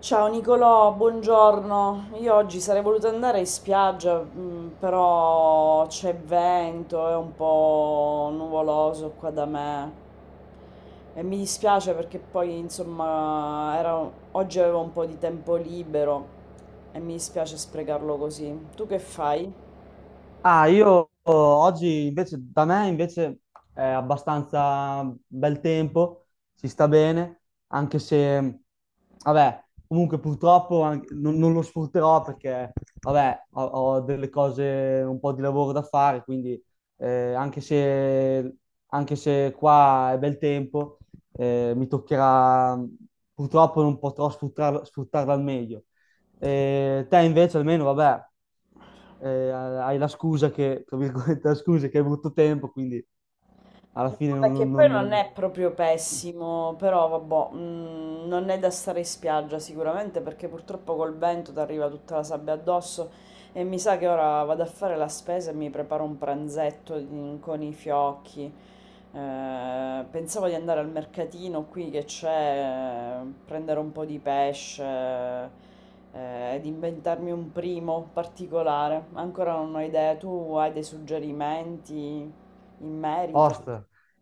Ciao Nicolò, buongiorno. Io oggi sarei voluta andare in spiaggia, però c'è vento, è un po' nuvoloso qua da me e mi dispiace perché poi insomma oggi avevo un po' di tempo libero e mi dispiace sprecarlo così. Tu che fai? Ah, io oh, oggi invece, da me invece è abbastanza bel tempo, si sta bene, anche se, vabbè, comunque purtroppo non lo sfrutterò perché, vabbè, ho delle cose, un po' di lavoro da fare, quindi eh, anche se, anche se qua è bel tempo, mi toccherà, purtroppo non potrò sfruttarlo, sfruttarlo al meglio. Te invece almeno, vabbè, hai la scusa che, tra virgolette, la scusa che hai avuto tempo, quindi alla No, fine vabbè, che non... poi non- non non- è proprio pessimo, però vabbè, non è da stare in spiaggia sicuramente perché purtroppo col vento ti arriva tutta la sabbia addosso e mi sa che ora vado a fare la spesa e mi preparo un pranzetto con i fiocchi. Pensavo di andare al mercatino qui che c'è, prendere un po' di pesce, ed inventarmi un primo particolare. Ancora non ho idea, tu hai dei suggerimenti in merito? Ost,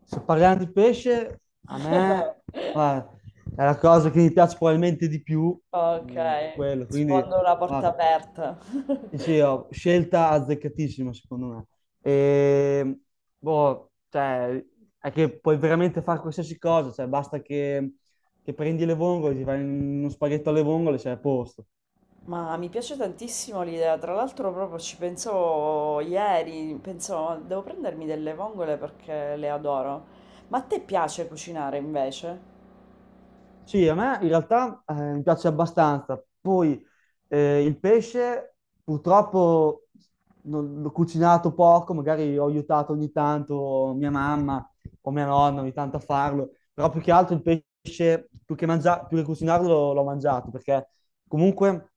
se parliamo di pesce, a me guarda, è la cosa che mi piace probabilmente di più, Ok, mm, quello, quindi sfondo una porta guarda, aperta. sì, sì, scelta azzeccatissima secondo me. E, boh, cioè, è che puoi veramente fare qualsiasi cosa, cioè, che prendi le vongole, ti fai uno spaghetto alle vongole, sei a posto. Ma mi piace tantissimo l'idea, tra l'altro proprio ci pensavo ieri, pensavo devo prendermi delle vongole perché le adoro. Ma a te piace cucinare invece? Sì, a me in realtà mi piace abbastanza. Poi il pesce purtroppo l'ho cucinato poco, magari ho aiutato ogni tanto mia mamma o mia nonna ogni tanto a farlo, però più che altro il pesce, più che cucinarlo, l'ho mangiato, perché comunque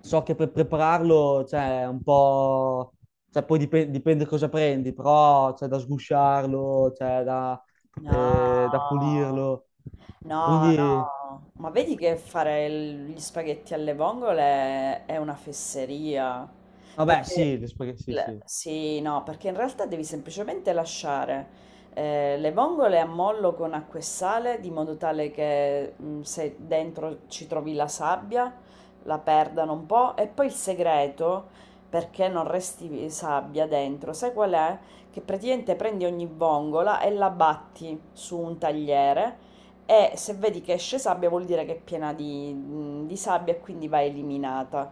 so che per prepararlo c'è un po'. Cioè, poi dipende, cosa prendi, però c'è da sgusciarlo, c'è da No. Da pulirlo. No, Quindi, no, ma vedi che fare gli spaghetti alle vongole è una fesseria, vabbè, perché sì, sì, sì, sì, no, perché in realtà devi semplicemente lasciare le vongole a mollo con acqua e sale, di modo tale che, se dentro ci trovi la sabbia, la perdano un po', e poi il segreto, perché non resti sabbia dentro, sai qual è? Che praticamente prendi ogni vongola e la batti su un tagliere e se vedi che esce sabbia vuol dire che è piena di sabbia e quindi va eliminata.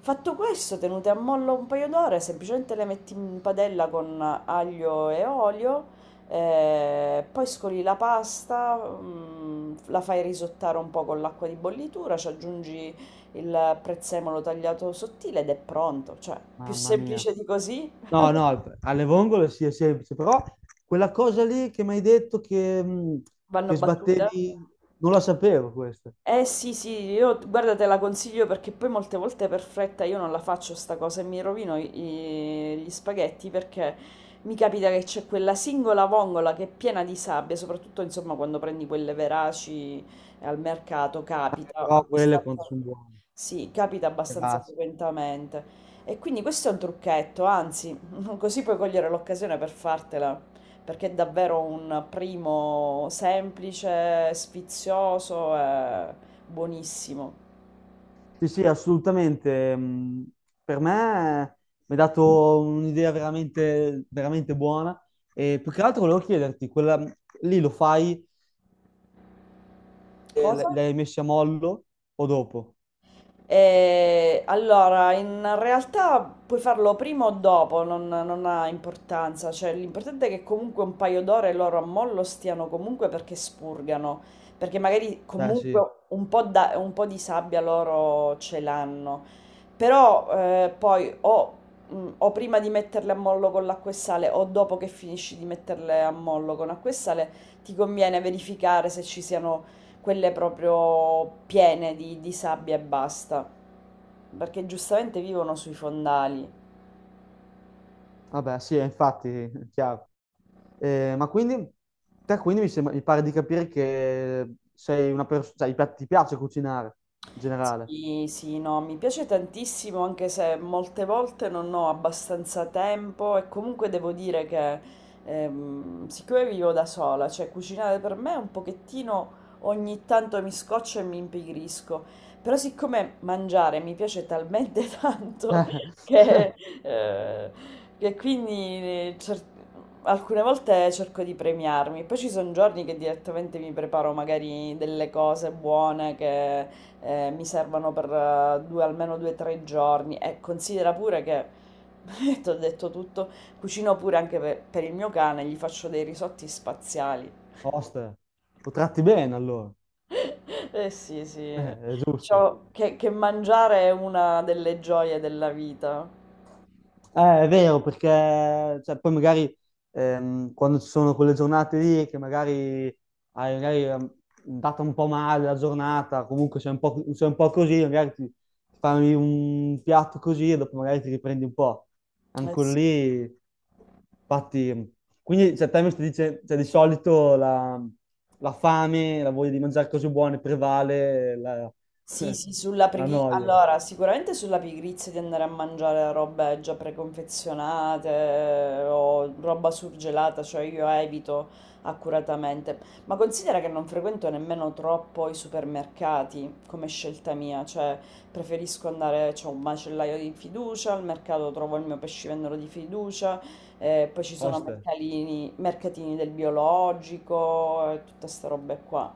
Fatto questo, tenute a mollo un paio d'ore, semplicemente le metti in padella con aglio e olio, poi scoli la pasta, la fai risottare un po' con l'acqua di bollitura, ci aggiungi il prezzemolo tagliato sottile ed è pronto. Cioè, più mamma mia. semplice di così. No, no, alle vongole sì, è semplice, però quella cosa lì che mi hai detto Vanno che battute. sbattevi, non la sapevo questa. Eh sì, sì, io guarda te la consiglio perché poi molte volte per fretta io non la faccio sta cosa e mi rovino gli spaghetti perché mi capita che c'è quella singola vongola che è piena di sabbia, soprattutto insomma quando prendi quelle veraci al mercato capita Però quelle abbastanza, quanto sono buone. sì, capita abbastanza Grazie. frequentemente. E quindi questo è un trucchetto, anzi, così puoi cogliere l'occasione per fartela, perché è davvero un primo semplice, sfizioso e buonissimo. Sì, sì, assolutamente. Mh, per me mi ha dato un'idea veramente, veramente buona. E più che altro volevo chiederti, quella, lì lo fai Cosa? li hai messi a mollo o dopo? Allora, in realtà puoi farlo prima o dopo, non ha importanza, cioè l'importante è che comunque un paio d'ore loro a mollo stiano comunque perché spurgano, perché magari Beh, comunque sì. un po', un po' di sabbia loro ce l'hanno, però poi o, o prima di metterle a mollo con l'acqua e sale o dopo che finisci di metterle a mollo con acqua e sale ti conviene verificare se ci siano quelle proprio piene di sabbia e basta, perché giustamente vivono sui fondali. Vabbè, sì, infatti, chiaro. Ma quindi, te quindi mi sembra- mi pare di capire che sei una persona, cioè, ti piace cucinare in generale. Sì, sì, no, mi piace tantissimo anche se molte volte non ho abbastanza tempo e comunque devo dire che siccome vivo da sola, cioè cucinare per me è un pochettino ogni tanto mi scoccio e mi impigrisco, però siccome mangiare mi piace talmente tanto che, eh, che quindi alcune volte cerco di premiarmi, poi ci sono giorni che direttamente mi preparo magari delle cose buone che mi servono per 2, almeno 2 o 3 giorni e considera pure che, ti ho detto tutto, cucino pure anche per il mio cane, gli faccio dei risotti spaziali. Oste, lo tratti bene allora. Eh sì, sì, È giusto. diciamo che mangiare è una delle gioie della vita. È vero, perché cioè, poi magari quando ci sono quelle giornate lì che magari hai magari, ehm, data un po' male la giornata, comunque sei un po', sei un po' così, magari ti fai un piatto così e dopo magari ti riprendi un po'. Eh Anche sì. lì, infatti, quindi cioè, te mi stai dice, cioè, di solito la fame, la voglia di mangiare cose buone prevale la, Sì, sì, sulla la noia. allora, sicuramente sulla pigrizia di andare a mangiare robe già preconfezionate o roba surgelata, cioè io evito accuratamente. Ma considera che non frequento nemmeno troppo i supermercati come scelta mia, cioè preferisco andare, c'è un macellaio di fiducia, al mercato trovo il mio pescivendolo di fiducia, poi ci sono Oste. Mercatini del biologico e tutte queste robe qua.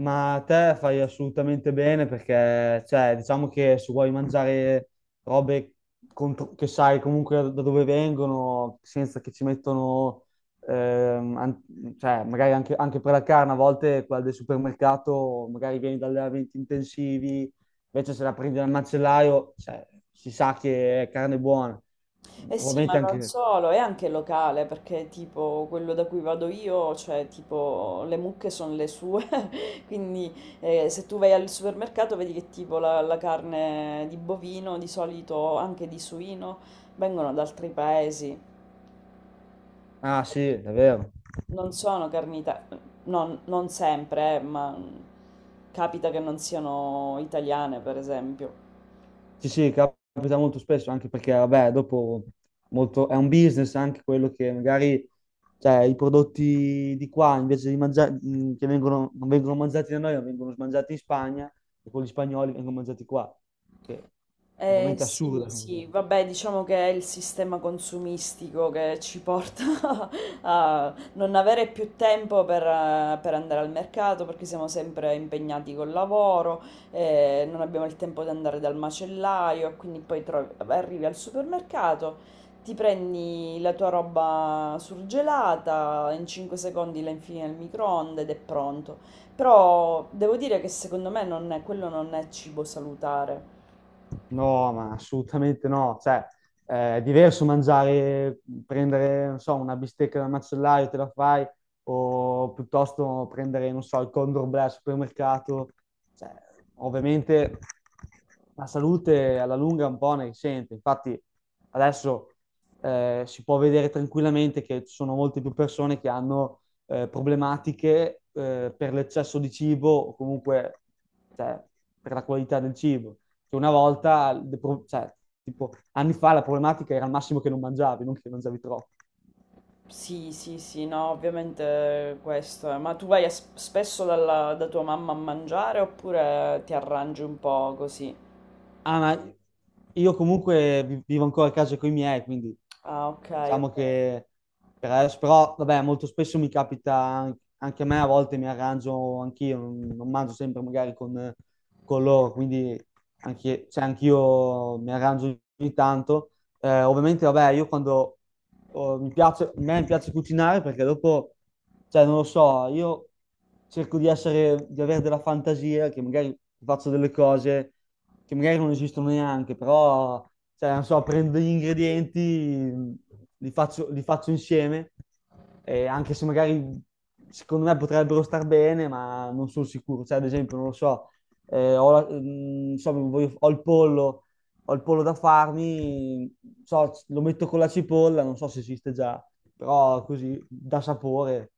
Ma te fai assolutamente bene perché, cioè, diciamo che se vuoi mangiare robe che sai comunque da dove vengono, senza che ci mettono, cioè, magari anche, anche per la carne, a volte quella del supermercato, magari vieni da allevamenti intensivi, invece se la prendi dal macellaio, cioè, si sa che è carne buona. Eh sì, ma Ovviamente non anche... solo, è anche locale, perché tipo quello da cui vado io, cioè tipo le mucche sono le sue, quindi se tu vai al supermercato vedi che tipo la carne di bovino, di solito anche di suino, vengono da altri paesi, Ah sì, è vero. non sono carni non sempre, ma capita che non siano italiane, per esempio. Sì, sì, capita molto spesso, anche perché, vabbè, dopo è un business anche quello che magari, cioè, i prodotti di qua, invece di mangiare, che vengono, non vengono mangiati da noi, ma vengono mangiati in Spagna, e quelli spagnoli vengono mangiati qua, che ovviamente è Sì, assurda come sì, cosa. vabbè, diciamo che è il sistema consumistico che ci porta a non avere più tempo per andare al mercato perché siamo sempre impegnati col lavoro, non abbiamo il tempo di andare dal macellaio, e quindi poi arrivi al supermercato, ti prendi la tua roba surgelata, in 5 secondi la infili nel microonde ed è pronto. Però devo dire che secondo me non è- quello non è cibo salutare. No, ma assolutamente no. Cioè, è diverso mangiare, prendere, non so, una bistecca dal macellaio, te la fai, o piuttosto prendere, non so, il Condor Bleu al supermercato. Cioè, ovviamente la salute alla lunga un po' ne risente. Infatti, adesso si può vedere tranquillamente che ci sono molte più persone che hanno problematiche per l'eccesso di cibo o comunque cioè, per la qualità del cibo. Che una volta, cioè, tipo, anni fa la problematica era al massimo che non mangiavi, non che mangiavi troppo. Sì, sì, sì, no, ovviamente questo è. Ma tu vai a spesso da tua mamma a mangiare oppure ti arrangi un po' così? Ah, ma io comunque vivo ancora a casa con i miei, quindi Ah, ok, diciamo ok. che per adesso, però vabbè, molto spesso mi capita anche a me, a volte mi arrangio anch'io, non mangio sempre magari con loro, quindi anche, cioè, anch'io mi arrangio ogni tanto. Ovviamente, vabbè, io quando oh, mi piace, a me piace cucinare perché dopo, cioè, non lo so, io cerco di essere, di avere della fantasia, che magari faccio delle cose che magari non esistono neanche, però, cioè, non so, prendo gli ingredienti, li faccio insieme, e anche se magari secondo me potrebbero star bene, ma non sono sicuro. Cioè, ad esempio, non lo so, non so, ho il pollo da farmi, so, lo metto con la cipolla, non so se esiste già, però così dà sapore.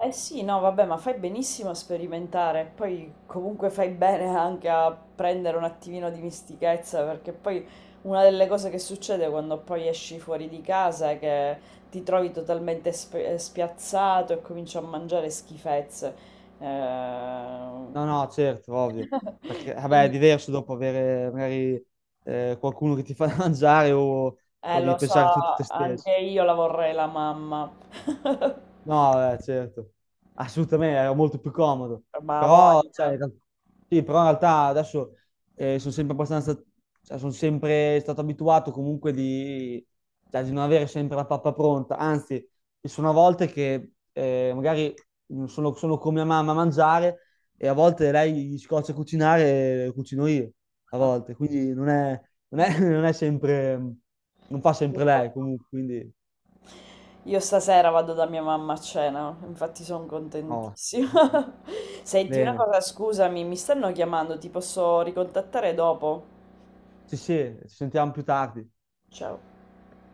Eh sì, no, vabbè, ma fai benissimo a sperimentare, poi comunque fai bene anche a prendere un attimino di mistichezza, perché poi una delle cose che succede quando poi esci fuori di casa è che ti trovi totalmente spiazzato e cominci a mangiare schifezze. No, Quindi, no, certo, ovvio. Perché, vabbè, è quindi, diverso dopo avere magari qualcuno che ti fa da mangiare o devi lo so, pensare tutto te anche stesso. io la vorrei la mamma, No, certo, assolutamente, era molto più comodo. ma ha Però, voglia. cioè, sì, però in realtà adesso sono sempre abbastanza, cioè, sono sempre stato abituato comunque di, cioè, di non avere sempre la pappa pronta. Anzi, ci sono volte che magari sono con mia mamma a mangiare e a volte lei gli scoccia a cucinare e cucino io, a volte. Quindi non è, non è sempre, non fa sempre lei Ah. comunque, quindi Io stasera vado da mia mamma a cena, infatti sono no, contentissima. Senti una bene. cosa, scusami, mi stanno chiamando, ti posso ricontattare dopo? Sì, sì, ci sentiamo più tardi. Ciao.